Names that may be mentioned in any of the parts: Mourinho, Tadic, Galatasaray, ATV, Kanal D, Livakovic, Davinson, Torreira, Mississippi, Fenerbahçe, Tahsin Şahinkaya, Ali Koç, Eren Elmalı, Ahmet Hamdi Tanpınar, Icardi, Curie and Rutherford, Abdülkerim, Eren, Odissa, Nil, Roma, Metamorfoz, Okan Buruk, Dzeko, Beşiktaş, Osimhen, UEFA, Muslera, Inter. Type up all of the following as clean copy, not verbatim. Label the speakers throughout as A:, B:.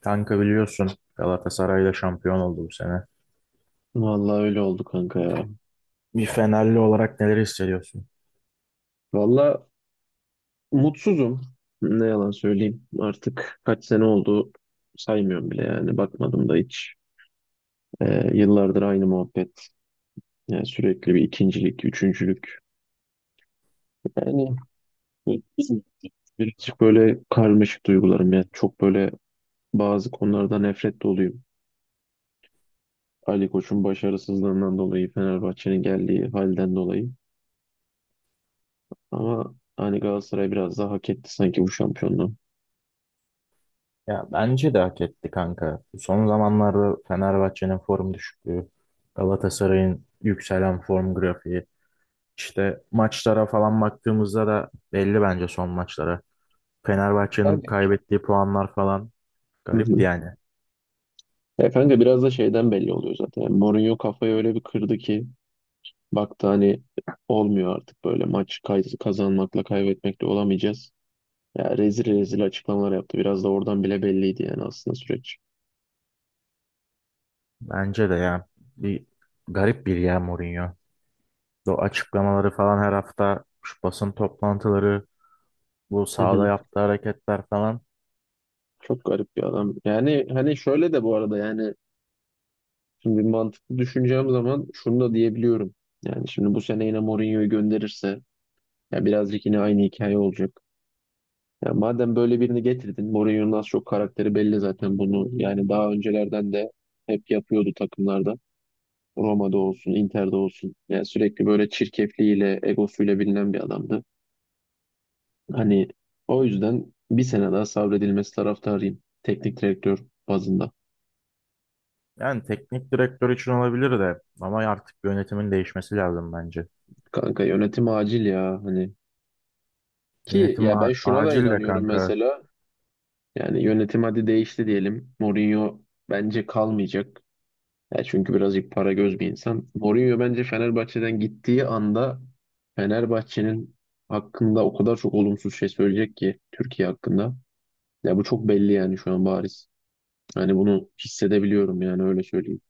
A: Kanka biliyorsun Galatasaray'la şampiyon oldu bu sene.
B: Vallahi öyle oldu kanka ya.
A: Bir Fenerli olarak neler hissediyorsun?
B: Vallahi mutsuzum. Ne yalan söyleyeyim. Artık kaç sene oldu saymıyorum bile yani. Bakmadım da hiç. Yıllardır aynı muhabbet. Yani sürekli bir ikincilik, üçüncülük. Yani birazcık böyle karmaşık duygularım. Yani çok böyle bazı konularda nefret doluyum. Ali Koç'un başarısızlığından dolayı, Fenerbahçe'nin geldiği halden dolayı. Ama hani Galatasaray biraz daha hak etti sanki bu şampiyonluğu.
A: Ya bence de hak etti kanka. Son zamanlarda Fenerbahçe'nin form düşüklüğü, Galatasaray'ın yükselen form grafiği. İşte maçlara falan baktığımızda da belli bence son maçlara. Fenerbahçe'nin
B: Yani.
A: kaybettiği puanlar falan
B: Hı
A: garipti
B: hı.
A: yani.
B: Ya kanka biraz da şeyden belli oluyor zaten. Yani Mourinho kafayı öyle bir kırdı ki baktı hani olmuyor artık böyle kazanmakla kaybetmekle olamayacağız. Ya rezil rezil açıklamalar yaptı. Biraz da oradan bile belliydi yani aslında süreç.
A: Bence de ya bir garip bir ya Mourinho. O açıklamaları falan her hafta şu basın toplantıları, bu
B: Hı
A: sahada
B: hı.
A: yaptığı hareketler falan.
B: Çok garip bir adam. Yani hani şöyle de bu arada yani şimdi mantıklı düşüneceğim zaman şunu da diyebiliyorum. Yani şimdi bu sene yine Mourinho'yu gönderirse ya birazcık yine aynı hikaye olacak. Ya madem böyle birini getirdin, Mourinho'nun az çok karakteri belli zaten bunu. Yani daha öncelerden de hep yapıyordu takımlarda. Roma'da olsun, Inter'de olsun. Yani sürekli böyle çirkefliğiyle, egosuyla bilinen bir adamdı. Hani o yüzden bir sene daha sabredilmesi taraftarıyım. Teknik direktör bazında.
A: Yani teknik direktör için olabilir de ama artık yönetimin değişmesi lazım bence.
B: Kanka yönetim acil ya hani. Ki
A: Yönetim
B: ya ben şuna da
A: acil de
B: inanıyorum
A: kanka.
B: mesela. Yani yönetim hadi değişti diyelim. Mourinho bence kalmayacak. Ya çünkü birazcık para göz bir insan. Mourinho bence Fenerbahçe'den gittiği anda Fenerbahçe'nin hakkında o kadar çok olumsuz şey söyleyecek ki Türkiye hakkında. Ya bu çok belli yani şu an bariz. Hani bunu hissedebiliyorum yani öyle söyleyeyim.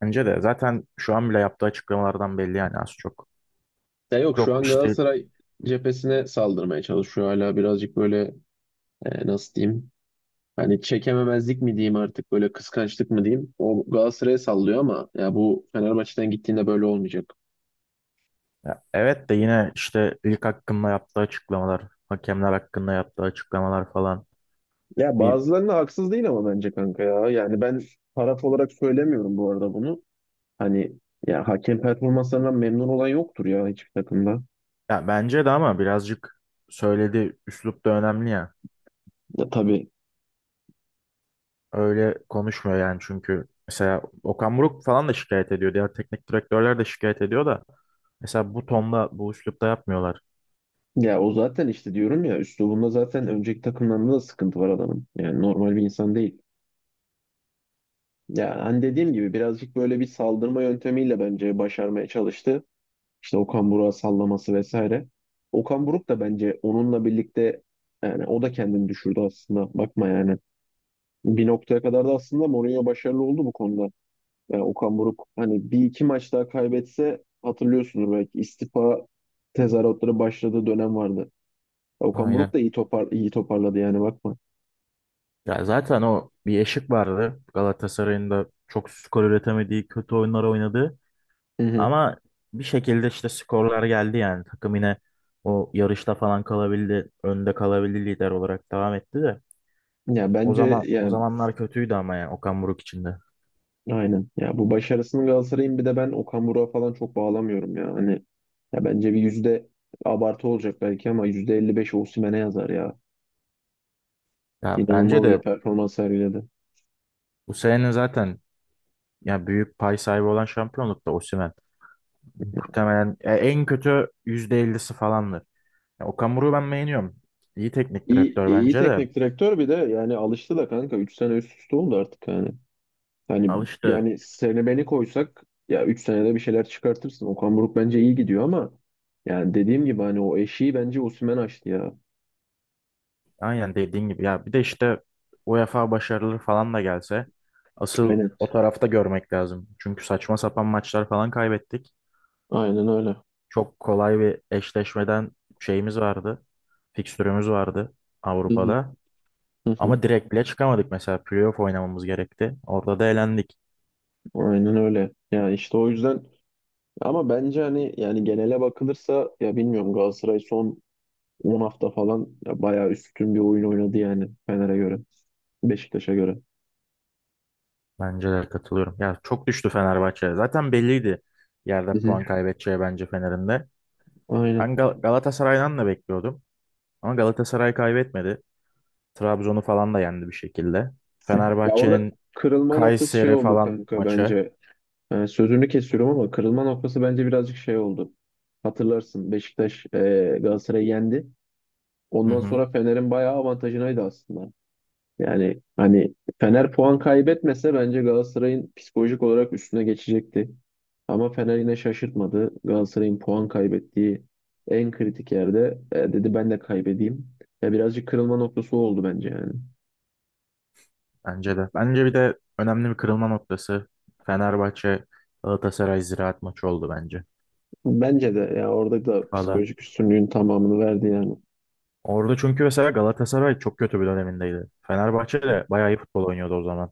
A: Bence de zaten şu an bile yaptığı açıklamalardan belli yani az çok.
B: Ya yok şu
A: Yok
B: an
A: işte,
B: Galatasaray cephesine saldırmaya çalışıyor hala birazcık böyle nasıl diyeyim? Hani çekememezlik mi diyeyim artık böyle kıskançlık mı diyeyim? O Galatasaray'a sallıyor ama ya bu Fenerbahçe'den gittiğinde böyle olmayacak.
A: ya evet de yine işte lig hakkında yaptığı açıklamalar, hakemler hakkında yaptığı açıklamalar falan.
B: Ya
A: Bir
B: bazılarına haksız değil ama bence kanka ya. Yani ben taraf olarak söylemiyorum bu arada bunu. Hani ya hakem performanslarından memnun olan yoktur ya hiçbir takımda.
A: ya bence de ama birazcık söylediği üslup da önemli ya.
B: Ya tabii
A: Öyle konuşmuyor yani çünkü mesela Okan Buruk falan da şikayet ediyor. Diğer teknik direktörler de şikayet ediyor da mesela bu tonda, bu üslupta yapmıyorlar.
B: ya o zaten işte diyorum ya üslubunda zaten önceki takımlarında da sıkıntı var adamın. Yani normal bir insan değil. Ya hani dediğim gibi birazcık böyle bir saldırma yöntemiyle bence başarmaya çalıştı. İşte Okan Buruk'a sallaması vesaire. Okan Buruk da bence onunla birlikte yani o da kendini düşürdü aslında. Bakma yani. Bir noktaya kadar da aslında Mourinho başarılı oldu bu konuda. Yani Okan Buruk hani bir iki maç daha kaybetse hatırlıyorsunuz belki istifa tezahüratları başladığı dönem vardı. Okan
A: Aynen.
B: Buruk da iyi toparladı yani bakma.
A: Ya zaten o bir eşik vardı. Galatasaray'ın da çok skor üretemediği, kötü oyunlar oynadı.
B: Hı hı.
A: Ama bir şekilde işte skorlar geldi yani. Takım yine o yarışta falan kalabildi. Önde kalabildi lider olarak devam etti de.
B: Ya
A: O
B: bence
A: zaman o
B: yani
A: zamanlar kötüydü ama yani Okan Buruk için de.
B: aynen. Ya bu başarısını Galatasaray'ın bir de ben Okan Buruk'a falan çok bağlamıyorum ya. Hani ya bence bir yüzde abartı olacak belki ama %55 Osimhen'e yazar ya.
A: Ya bence
B: İnanılmaz bir
A: de
B: performans sergiledi.
A: bu sene zaten ya büyük pay sahibi olan şampiyonlukta Osimhen. Muhtemelen ya en kötü %50'si falandır. Ya Okan Buruk'u ben beğeniyorum. İyi teknik direktör
B: İyi
A: bence de.
B: teknik direktör bir de yani alıştı da kanka. 3 sene üst üste oldu artık yani. Hani
A: Alıştı.
B: yani seni beni koysak ya 3 senede bir şeyler çıkartırsın. Okan Buruk bence iyi gidiyor ama yani dediğim gibi hani o eşiği bence Osimhen açtı ya.
A: Aynen dediğin gibi ya bir de işte UEFA başarıları falan da gelse asıl
B: Aynen.
A: o tarafta görmek lazım. Çünkü saçma sapan maçlar falan kaybettik.
B: Aynen öyle.
A: Çok kolay bir eşleşmeden şeyimiz vardı. Fikstürümüz vardı
B: Hı hı,
A: Avrupa'da.
B: hı hı.
A: Ama direkt bile çıkamadık mesela, playoff oynamamız gerekti. Orada da elendik.
B: Aynen öyle. Yani işte o yüzden ama bence hani yani genele bakılırsa ya bilmiyorum Galatasaray son 10 hafta falan ya bayağı üstün bir oyun oynadı yani Fener'e göre, Beşiktaş'a göre.
A: Bence de katılıyorum. Ya çok düştü Fenerbahçe. Zaten belliydi
B: Hı
A: yerde
B: hı.
A: puan kaybedeceği bence Fener'in de. Ben
B: Aynen.
A: Galatasaray'dan da bekliyordum. Ama Galatasaray kaybetmedi. Trabzon'u falan da yendi bir şekilde.
B: Ya orada
A: Fenerbahçe'nin
B: kırılma noktası şey
A: Kayseri
B: oldu
A: falan
B: kanka
A: maçı.
B: bence. Yani sözünü kesiyorum ama kırılma noktası bence birazcık şey oldu. Hatırlarsın Beşiktaş Galatasaray'ı yendi.
A: Hı
B: Ondan
A: hı,
B: sonra Fener'in bayağı avantajınaydı aslında. Yani hani Fener puan kaybetmese bence Galatasaray'ın psikolojik olarak üstüne geçecekti. Ama Fener yine şaşırtmadı. Galatasaray'ın puan kaybettiği en kritik yerde dedi ben de kaybedeyim. Ya birazcık kırılma noktası o oldu bence yani.
A: bence de. Bence bir de önemli bir kırılma noktası Fenerbahçe Galatasaray Ziraat maçı oldu bence.
B: Bence de ya orada da
A: Valla.
B: psikolojik üstünlüğün tamamını verdi yani.
A: Orada çünkü mesela Galatasaray çok kötü bir dönemindeydi. Fenerbahçe de bayağı iyi futbol oynuyordu o zaman.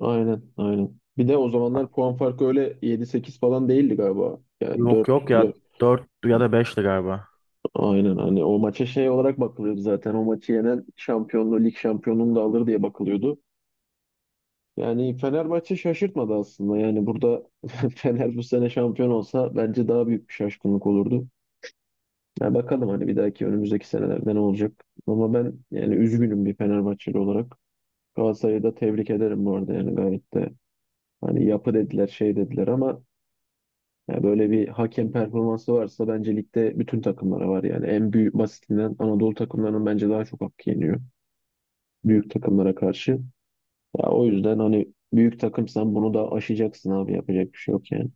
B: Aynen aynen. Bir de o zamanlar puan farkı öyle yedi sekiz falan değildi galiba. Yani
A: Yok yok ya,
B: dört,
A: 4 ya da 5'ti galiba.
B: aynen hani o maça şey olarak bakılıyordu zaten. O maçı yenen şampiyonluğu, lig şampiyonluğunu da alır diye bakılıyordu. Yani Fenerbahçe şaşırtmadı aslında. Yani burada Fener bu sene şampiyon olsa bence daha büyük bir şaşkınlık olurdu. Ya bakalım hani bir dahaki önümüzdeki senelerde ne olacak. Ama ben yani üzgünüm bir Fenerbahçeli olarak. Galatasaray'ı da tebrik ederim bu arada yani gayet de hani yapı dediler şey dediler ama ya böyle bir hakem performansı varsa bence ligde bütün takımlara var yani en büyük basitinden Anadolu takımlarının bence daha çok hakkı yeniyor büyük takımlara karşı. Ya o yüzden hani büyük takımsan bunu da aşacaksın abi yapacak bir şey yok yani.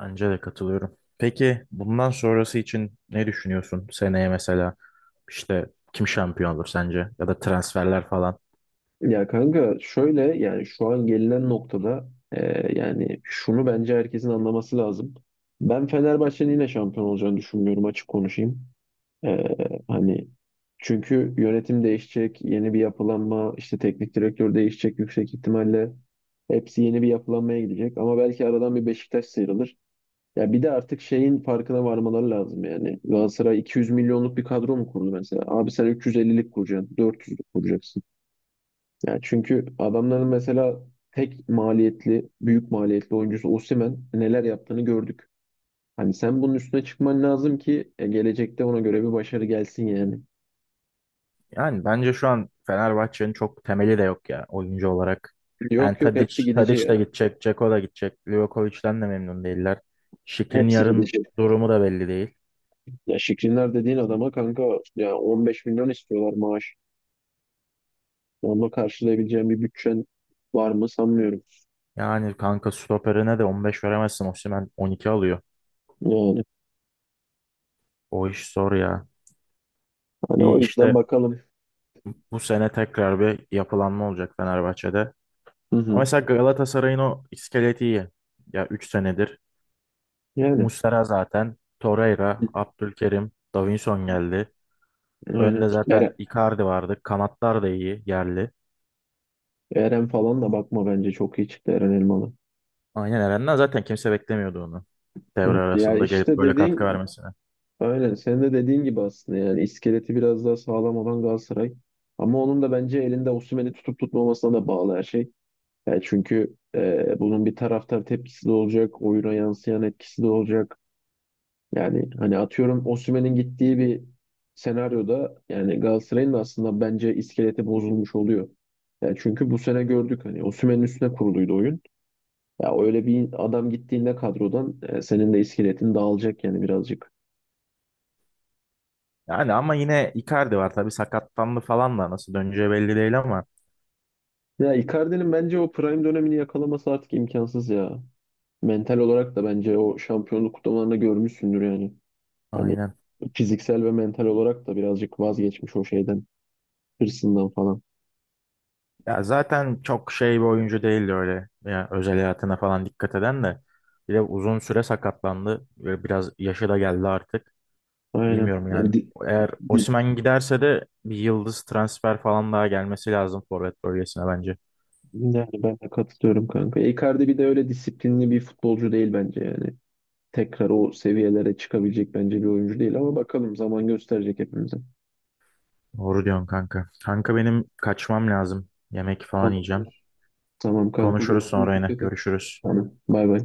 A: Bence de katılıyorum. Peki bundan sonrası için ne düşünüyorsun? Seneye mesela işte kim şampiyon olur sence? Ya da transferler falan.
B: Ya kanka şöyle yani şu an gelinen noktada yani şunu bence herkesin anlaması lazım. Ben Fenerbahçe'nin yine şampiyon olacağını düşünmüyorum açık konuşayım. Ee, Hani çünkü yönetim değişecek, yeni bir yapılanma, işte teknik direktör değişecek yüksek ihtimalle. Hepsi yeni bir yapılanmaya gidecek ama belki aradan bir Beşiktaş sıyrılır. Ya bir de artık şeyin farkına varmaları lazım yani. Galatasaray 200 milyonluk bir kadro mu kurdu mesela? Abi sen 350'lik kuracaksın, 400'lük kuracaksın. Yani çünkü adamların mesela tek maliyetli, büyük maliyetli oyuncusu Osimhen neler yaptığını gördük. Hani sen bunun üstüne çıkman lazım ki gelecekte ona göre bir başarı gelsin yani.
A: Yani bence şu an Fenerbahçe'nin çok temeli de yok ya oyuncu olarak. Yani
B: Yok yok
A: Tadic,
B: hepsi gidici
A: Tadic de
B: ya.
A: gidecek, Dzeko da gidecek. Livakovic'den de memnun değiller. Şikrin
B: Hepsi
A: yarın
B: gidici.
A: durumu da belli değil.
B: Ya Şikrinler dediğin adama kanka ya 15 milyon istiyorlar maaş. Onunla karşılayabileceğim bir bütçen var mı sanmıyorum.
A: Yani kanka stoperine de 15 veremezsin. Osimhen 12 alıyor.
B: Yani
A: O iş zor ya.
B: hani o
A: Bir
B: yüzden
A: işte
B: bakalım.
A: bu sene tekrar bir yapılanma olacak Fenerbahçe'de.
B: Hı
A: Ama
B: hı.
A: mesela Galatasaray'ın o iskeleti iyi. Ya 3 senedir.
B: Yani
A: Muslera zaten. Torreira, Abdülkerim, Davinson geldi.
B: aynen.
A: Önde zaten Icardi vardı. Kanatlar da iyi, yerli.
B: Eren falan da bakma bence çok iyi çıktı Eren Elmalı.
A: Aynen, Eren'den zaten kimse beklemiyordu onu. Devre
B: Evet. Ya
A: arasında gelip
B: işte
A: böyle katkı
B: dediğin
A: vermesini.
B: aynen senin de dediğin gibi aslında yani iskeleti biraz daha sağlam olan Galatasaray. Ama onun da bence elinde Osimhen'i tutup tutmamasına da bağlı her şey. Yani çünkü bunun bir taraftar tepkisi de olacak, oyuna yansıyan etkisi de olacak. Yani hani atıyorum Osimhen'in gittiği bir senaryoda yani Galatasaray'ın da aslında bence iskeleti bozulmuş oluyor. Yani çünkü bu sene gördük hani Osimhen'in üstüne kuruluydu oyun. Ya öyle bir adam gittiğinde kadrodan senin de iskeletin dağılacak yani birazcık.
A: Yani ama yine Icardi var tabii, sakatlandı falan da nasıl döneceği belli değil ama.
B: Ya Icardi'nin bence o prime dönemini yakalaması artık imkansız ya. Mental olarak da bence o şampiyonluk kutlamalarında görmüşsündür yani. Hani
A: Aynen.
B: fiziksel ve mental olarak da birazcık vazgeçmiş o şeyden, hırsından falan.
A: Ya zaten çok şey bir oyuncu değildi öyle. Ya özel hayatına falan dikkat eden de. Bir de uzun süre sakatlandı. Böyle biraz yaşı da geldi artık.
B: Aynen.
A: Bilmiyorum
B: Yani,
A: yani. Eğer
B: di-
A: Osimhen giderse de bir yıldız transfer falan daha gelmesi lazım forvet bölgesine bence.
B: yani ben de katılıyorum kanka. Icardi bir de öyle disiplinli bir futbolcu değil bence yani. Tekrar o seviyelere çıkabilecek bence bir oyuncu değil ama bakalım zaman gösterecek hepimize.
A: Doğru diyorsun kanka. Kanka benim kaçmam lazım. Yemek falan yiyeceğim.
B: Tamamdır. Tamam kanka
A: Konuşuruz
B: görüşürüz.
A: sonra yine.
B: Dikkat et.
A: Görüşürüz.
B: Tamam. Bay bay.